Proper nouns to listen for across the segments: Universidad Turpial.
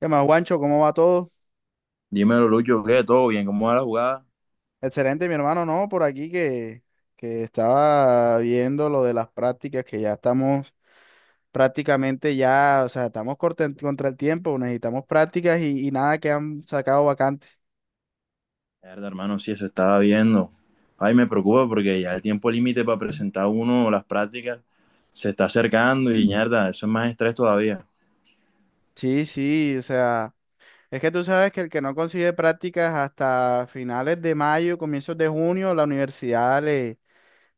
¿Qué más, Guancho? ¿Cómo va todo? Dímelo, Lucho, ¿qué? ¿Todo bien? ¿Cómo va la jugada? Excelente, mi hermano, ¿no? Por aquí que estaba viendo lo de las prácticas, que ya estamos prácticamente ya, o sea, estamos contra el tiempo, necesitamos prácticas y nada que han sacado vacantes. Mierda, hermano, sí, eso estaba viendo. Ay, me preocupa porque ya el tiempo límite para presentar uno las prácticas se está acercando y mierda, eso es más estrés todavía. Sí, sí, o sea, es que tú sabes que el que no consigue prácticas hasta finales de mayo, comienzos de junio, la universidad le,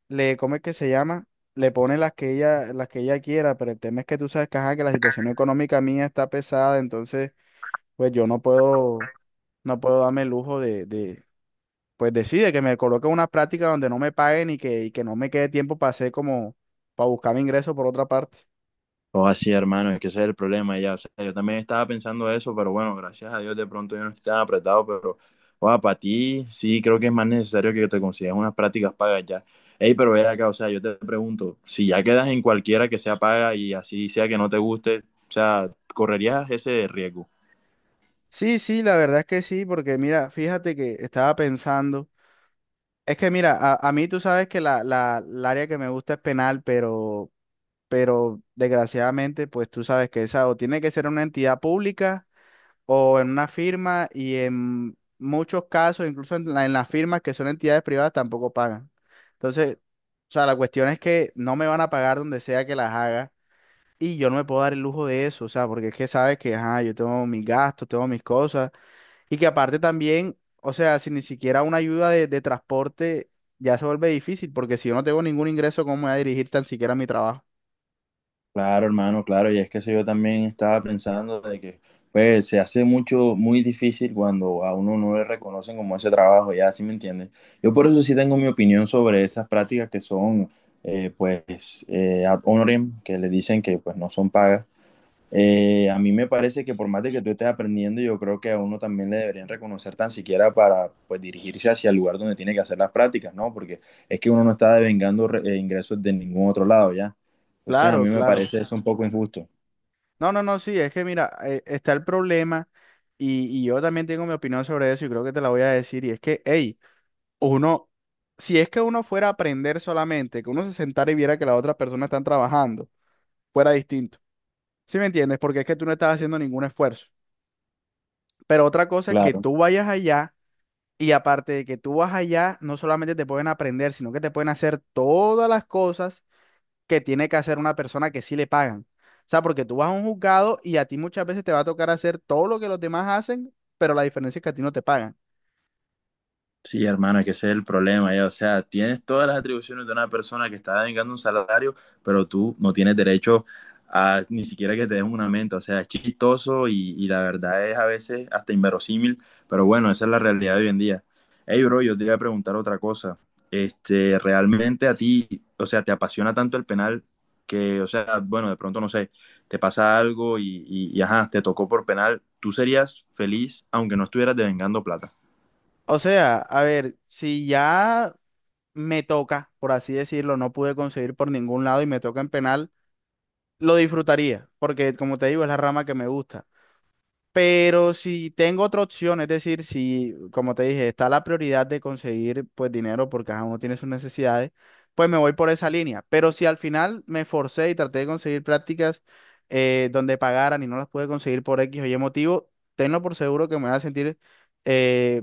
le, ¿cómo es que se llama? Le pone las que ella quiera, pero el tema es que tú sabes que, ajá, que la situación económica mía está pesada, entonces pues yo no puedo, no puedo darme el lujo de pues decide que me coloque una práctica donde no me paguen y que no me quede tiempo para hacer como, para buscar mi ingreso por otra parte. O así, hermano, es que ese es el problema ya. O sea, yo también estaba pensando eso, pero bueno, gracias a Dios de pronto yo no estoy tan apretado, pero o para ti sí creo que es más necesario que te consigas unas prácticas pagas ya. Ey, pero ve acá, o sea, yo te pregunto, si ya quedas en cualquiera que sea paga y así sea que no te guste, o sea, ¿correrías ese riesgo? Sí, sí, la verdad es que sí, porque mira, fíjate que estaba pensando, es que mira, a mí tú sabes que el área que me gusta es penal, pero desgraciadamente, pues tú sabes que esa o tiene que ser una entidad pública o en una firma y en muchos casos, incluso en las firmas que son entidades privadas, tampoco pagan. Entonces, o sea, la cuestión es que no me van a pagar donde sea que las haga y yo no me puedo dar el lujo de eso, o sea, porque es que sabes que, ajá, yo tengo mis gastos, tengo mis cosas y que aparte también, o sea, si ni siquiera una ayuda de transporte ya se vuelve difícil, porque si yo no tengo ningún ingreso, ¿cómo me voy a dirigir tan siquiera a mi trabajo? Claro, hermano, claro, y es que eso yo también estaba pensando de que pues se hace mucho, muy difícil cuando a uno no le reconocen como ese trabajo, ya, ¿sí me entiendes? Yo por eso sí tengo mi opinión sobre esas prácticas que son, ad honorem, que le dicen que pues no son pagas. A mí me parece que por más de que tú estés aprendiendo, yo creo que a uno también le deberían reconocer tan siquiera para pues, dirigirse hacia el lugar donde tiene que hacer las prácticas, ¿no? Porque es que uno no está devengando ingresos de ningún otro lado, ¿ya? Entonces a Claro, mí me claro. parece eso un poco injusto. No, no, no, sí, es que mira, está el problema y yo también tengo mi opinión sobre eso y creo que te la voy a decir y es que, hey, uno, si es que uno fuera a aprender solamente, que uno se sentara y viera que las otras personas están trabajando, fuera distinto. ¿Sí me entiendes? Porque es que tú no estás haciendo ningún esfuerzo. Pero otra cosa es que Claro. tú vayas allá y aparte de que tú vas allá, no solamente te pueden aprender, sino que te pueden hacer todas las cosas que tiene que hacer una persona que sí le pagan. O sea, porque tú vas a un juzgado y a ti muchas veces te va a tocar hacer todo lo que los demás hacen, pero la diferencia es que a ti no te pagan. Sí, hermano, es que ese es el problema, ya. O sea, tienes todas las atribuciones de una persona que está devengando un salario, pero tú no tienes derecho a ni siquiera que te den un aumento. O sea, es chistoso y la verdad es a veces hasta inverosímil, pero bueno, esa es la realidad de hoy en día. Hey, bro, yo te iba a preguntar otra cosa. Este, realmente a ti, o sea, te apasiona tanto el penal que, o sea, bueno, de pronto no sé, te pasa algo y ajá, te tocó por penal. ¿Tú serías feliz aunque no estuvieras devengando plata? O sea, a ver, si ya me toca, por así decirlo, no pude conseguir por ningún lado y me toca en penal, lo disfrutaría, porque como te digo, es la rama que me gusta. Pero si tengo otra opción, es decir, si, como te dije, está la prioridad de conseguir pues dinero porque cada uno tiene sus necesidades, pues me voy por esa línea. Pero si al final me forcé y traté de conseguir prácticas donde pagaran y no las pude conseguir por X o Y motivo, tenlo por seguro que me voy a sentir, eh,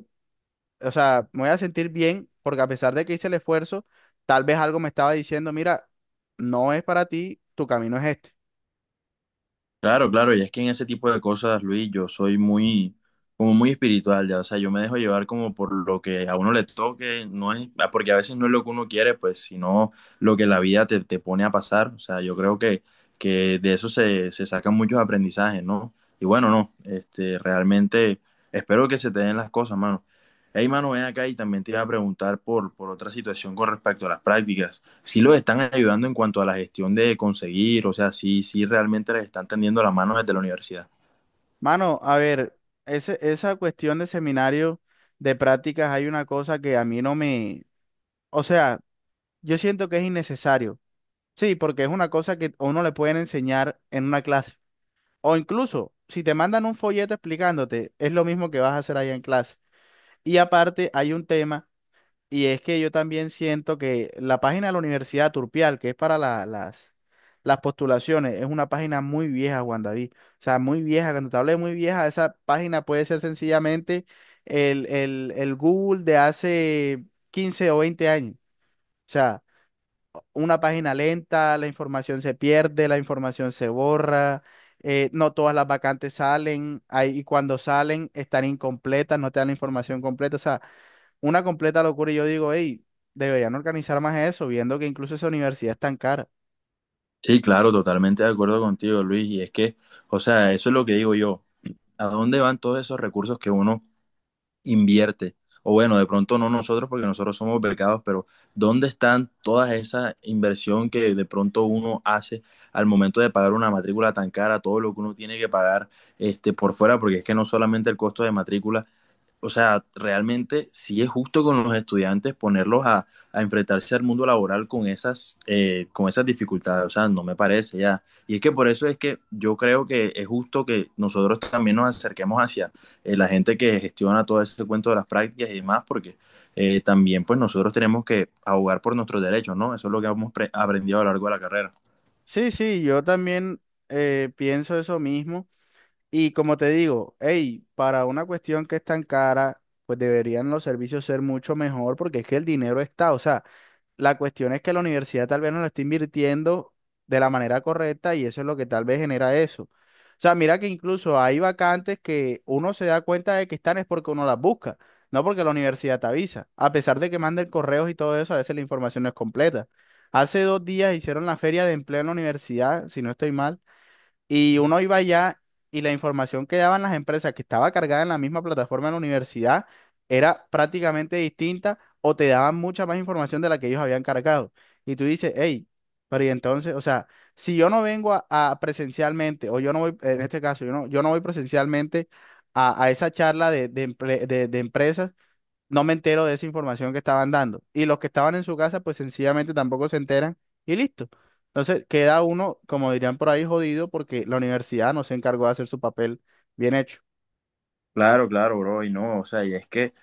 o sea, me voy a sentir bien porque a pesar de que hice el esfuerzo, tal vez algo me estaba diciendo, mira, no es para ti, tu camino es este. Claro, claro, y es que en ese tipo de cosas, Luis, yo soy muy, como muy espiritual, ya, o sea, yo me dejo llevar como por lo que a uno le toque, no es, ah, porque a veces no es lo que uno quiere, pues, sino lo que la vida te pone a pasar, o sea, yo creo que de eso se sacan muchos aprendizajes, ¿no? Y bueno, no, este, realmente espero que se te den las cosas, mano. Hey, mano, ven acá y también te iba a preguntar por otra situación con respecto a las prácticas sí los están ayudando en cuanto a la gestión de conseguir, o sea, sí, sí realmente les están tendiendo la mano desde la universidad. Mano, a ver, esa cuestión de seminario de prácticas, hay una cosa que a mí no me, o sea, yo siento que es innecesario. Sí, porque es una cosa que a uno le pueden enseñar en una clase. O incluso, si te mandan un folleto explicándote, es lo mismo que vas a hacer allá en clase. Y aparte, hay un tema. Y es que yo también siento que la página de la Universidad Turpial, que es para las postulaciones, es una página muy vieja, Juan David. O sea, muy vieja. Cuando te hablo de muy vieja, esa página puede ser sencillamente el Google de hace 15 o 20 años. O sea, una página lenta, la información se pierde, la información se borra, no todas las vacantes salen, hay y cuando salen están incompletas, no te dan la información completa. O sea, una completa locura y yo digo, hey, deberían organizar más eso, viendo que incluso esa universidad es tan cara. Sí, claro, totalmente de acuerdo contigo, Luis. Y es que, o sea, eso es lo que digo yo. ¿A dónde van todos esos recursos que uno invierte? O bueno, de pronto no nosotros porque nosotros somos becados, pero ¿dónde están todas esa inversión que de pronto uno hace al momento de pagar una matrícula tan cara, todo lo que uno tiene que pagar este, por fuera? Porque es que no solamente el costo de matrícula, o sea, realmente sí es justo con los estudiantes ponerlos a enfrentarse al mundo laboral con esas dificultades. O sea, no me parece ya. Y es que por eso es que yo creo que es justo que nosotros también nos acerquemos hacia la gente que gestiona todo ese cuento de las prácticas y demás, porque también pues nosotros tenemos que abogar por nuestros derechos, ¿no? Eso es lo que hemos aprendido a lo largo de la carrera. Sí, sí, yo también pienso eso mismo y como te digo, hey, para una cuestión que es tan cara, pues deberían los servicios ser mucho mejor porque es que el dinero está, o sea, la cuestión es que la universidad tal vez no lo está invirtiendo de la manera correcta y eso es lo que tal vez genera eso. O sea, mira que incluso hay vacantes que uno se da cuenta de que están es porque uno las busca, no porque la universidad te avisa. A pesar de que manden correos y todo eso, a veces la información no es completa. Hace dos días hicieron la feria de empleo en la universidad, si no estoy mal, y uno iba allá y la información que daban las empresas que estaba cargada en la misma plataforma de la universidad era prácticamente distinta o te daban mucha más información de la que ellos habían cargado. Y tú dices, hey, pero y entonces, o sea, si yo no vengo a presencialmente, o yo no voy, en este caso, yo no voy presencialmente a esa charla de empresas, no me entero de esa información que estaban dando. Y los que estaban en su casa, pues sencillamente tampoco se enteran y listo. Entonces queda uno, como dirían por ahí, jodido porque la universidad no se encargó de hacer su papel bien hecho. Claro, claro, bro, y no, o sea, y es que,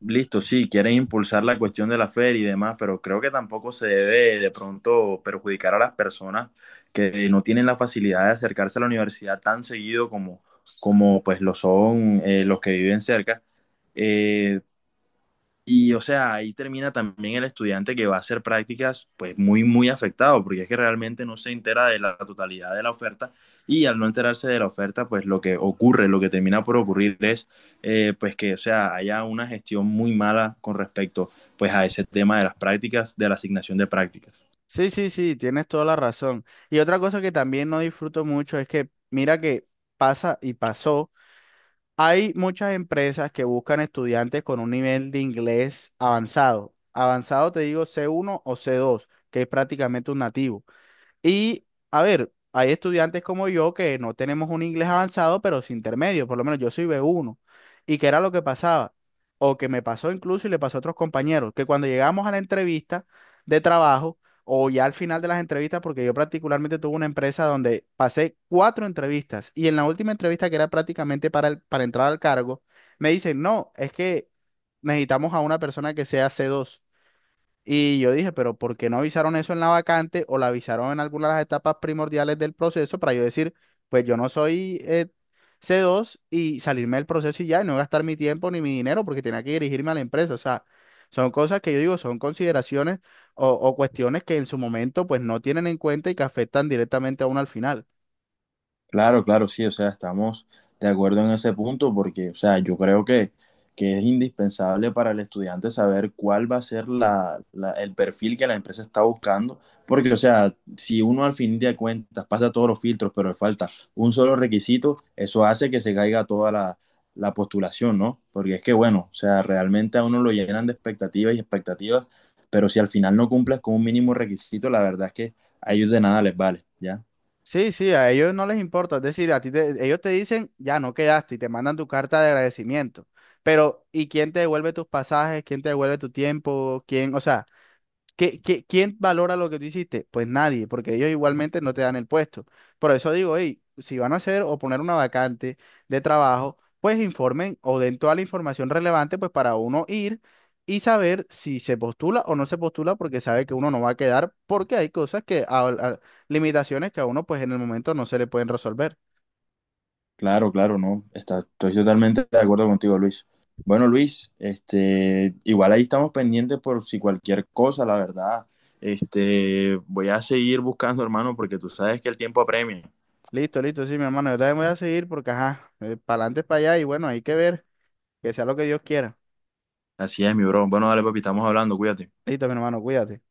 listo, sí, quieren impulsar la cuestión de la feria y demás, pero creo que tampoco se debe de pronto perjudicar a las personas que no tienen la facilidad de acercarse a la universidad tan seguido como, como pues lo son los que viven cerca. Eh, y o sea, ahí termina también el estudiante que va a hacer prácticas, pues muy, muy afectado, porque es que realmente no se entera de la totalidad de la oferta y al no enterarse de la oferta, pues lo que ocurre, lo que termina por ocurrir es, pues que, o sea, haya una gestión muy mala con respecto, pues a ese tema de las prácticas, de la asignación de prácticas. Sí, sí, sí, tienes toda la razón. Y otra cosa que también no disfruto mucho es que, mira que pasa y pasó, hay muchas empresas que buscan estudiantes con un nivel de inglés avanzado. Avanzado te digo C1 o C2 que es prácticamente un nativo. Y, a ver, hay estudiantes como yo que no tenemos un inglés avanzado, pero sin intermedio, por lo menos yo soy B1. ¿Y qué era lo que pasaba? O que me pasó incluso y le pasó a otros compañeros, que cuando llegamos a la entrevista de trabajo, o ya al final de las entrevistas, porque yo particularmente tuve una empresa donde pasé cuatro entrevistas y en la última entrevista que era prácticamente para, para entrar al cargo, me dicen, no, es que necesitamos a una persona que sea C2. Y yo dije, pero ¿por qué no avisaron eso en la vacante o la avisaron en alguna de las etapas primordiales del proceso para yo decir, pues yo no soy C2 y salirme del proceso y ya, y no gastar mi tiempo ni mi dinero porque tenía que dirigirme a la empresa? O sea, son cosas que yo digo, son consideraciones o cuestiones que en su momento pues no tienen en cuenta y que afectan directamente a uno al final. Claro, claro, sí, o sea, estamos de acuerdo en ese punto porque, o sea, yo creo que es indispensable para el estudiante saber cuál va a ser la, el perfil que la empresa está buscando, porque, o sea, si uno al fin de cuentas pasa todos los filtros, pero le falta un solo requisito, eso hace que se caiga toda la, la postulación, ¿no? Porque es que, bueno, o sea, realmente a uno lo llenan de expectativas y expectativas, pero si al final no cumples con un mínimo requisito, la verdad es que a ellos de nada les vale, ¿ya? Sí, sí, a ellos no les importa, es decir, a ti ellos te dicen, ya no quedaste y te mandan tu carta de agradecimiento. Pero, ¿y quién te devuelve tus pasajes? ¿Quién te devuelve tu tiempo? ¿Quién? O sea, ¿qué, quién valora lo que tú hiciste? Pues nadie, porque ellos igualmente no te dan el puesto. Por eso digo, hey, si van a hacer o poner una vacante de trabajo, pues informen o den toda la información relevante, pues para uno ir y saber si se postula o no se postula, porque sabe que uno no va a quedar, porque hay cosas que, limitaciones que a uno pues en el momento no se le pueden resolver. Claro, claro, no. Está, estoy totalmente de acuerdo contigo, Luis. Bueno, Luis, este, igual ahí estamos pendientes por si cualquier cosa, la verdad. Este, voy a seguir buscando, hermano, porque tú sabes que el tiempo apremia. Listo, listo, sí, mi hermano, yo también voy a seguir porque, ajá, para adelante, para allá y bueno, hay que ver, que sea lo que Dios quiera. Así es, mi bro. Bueno, dale, papi, estamos hablando, cuídate. Listo, mi hermano, cuídate.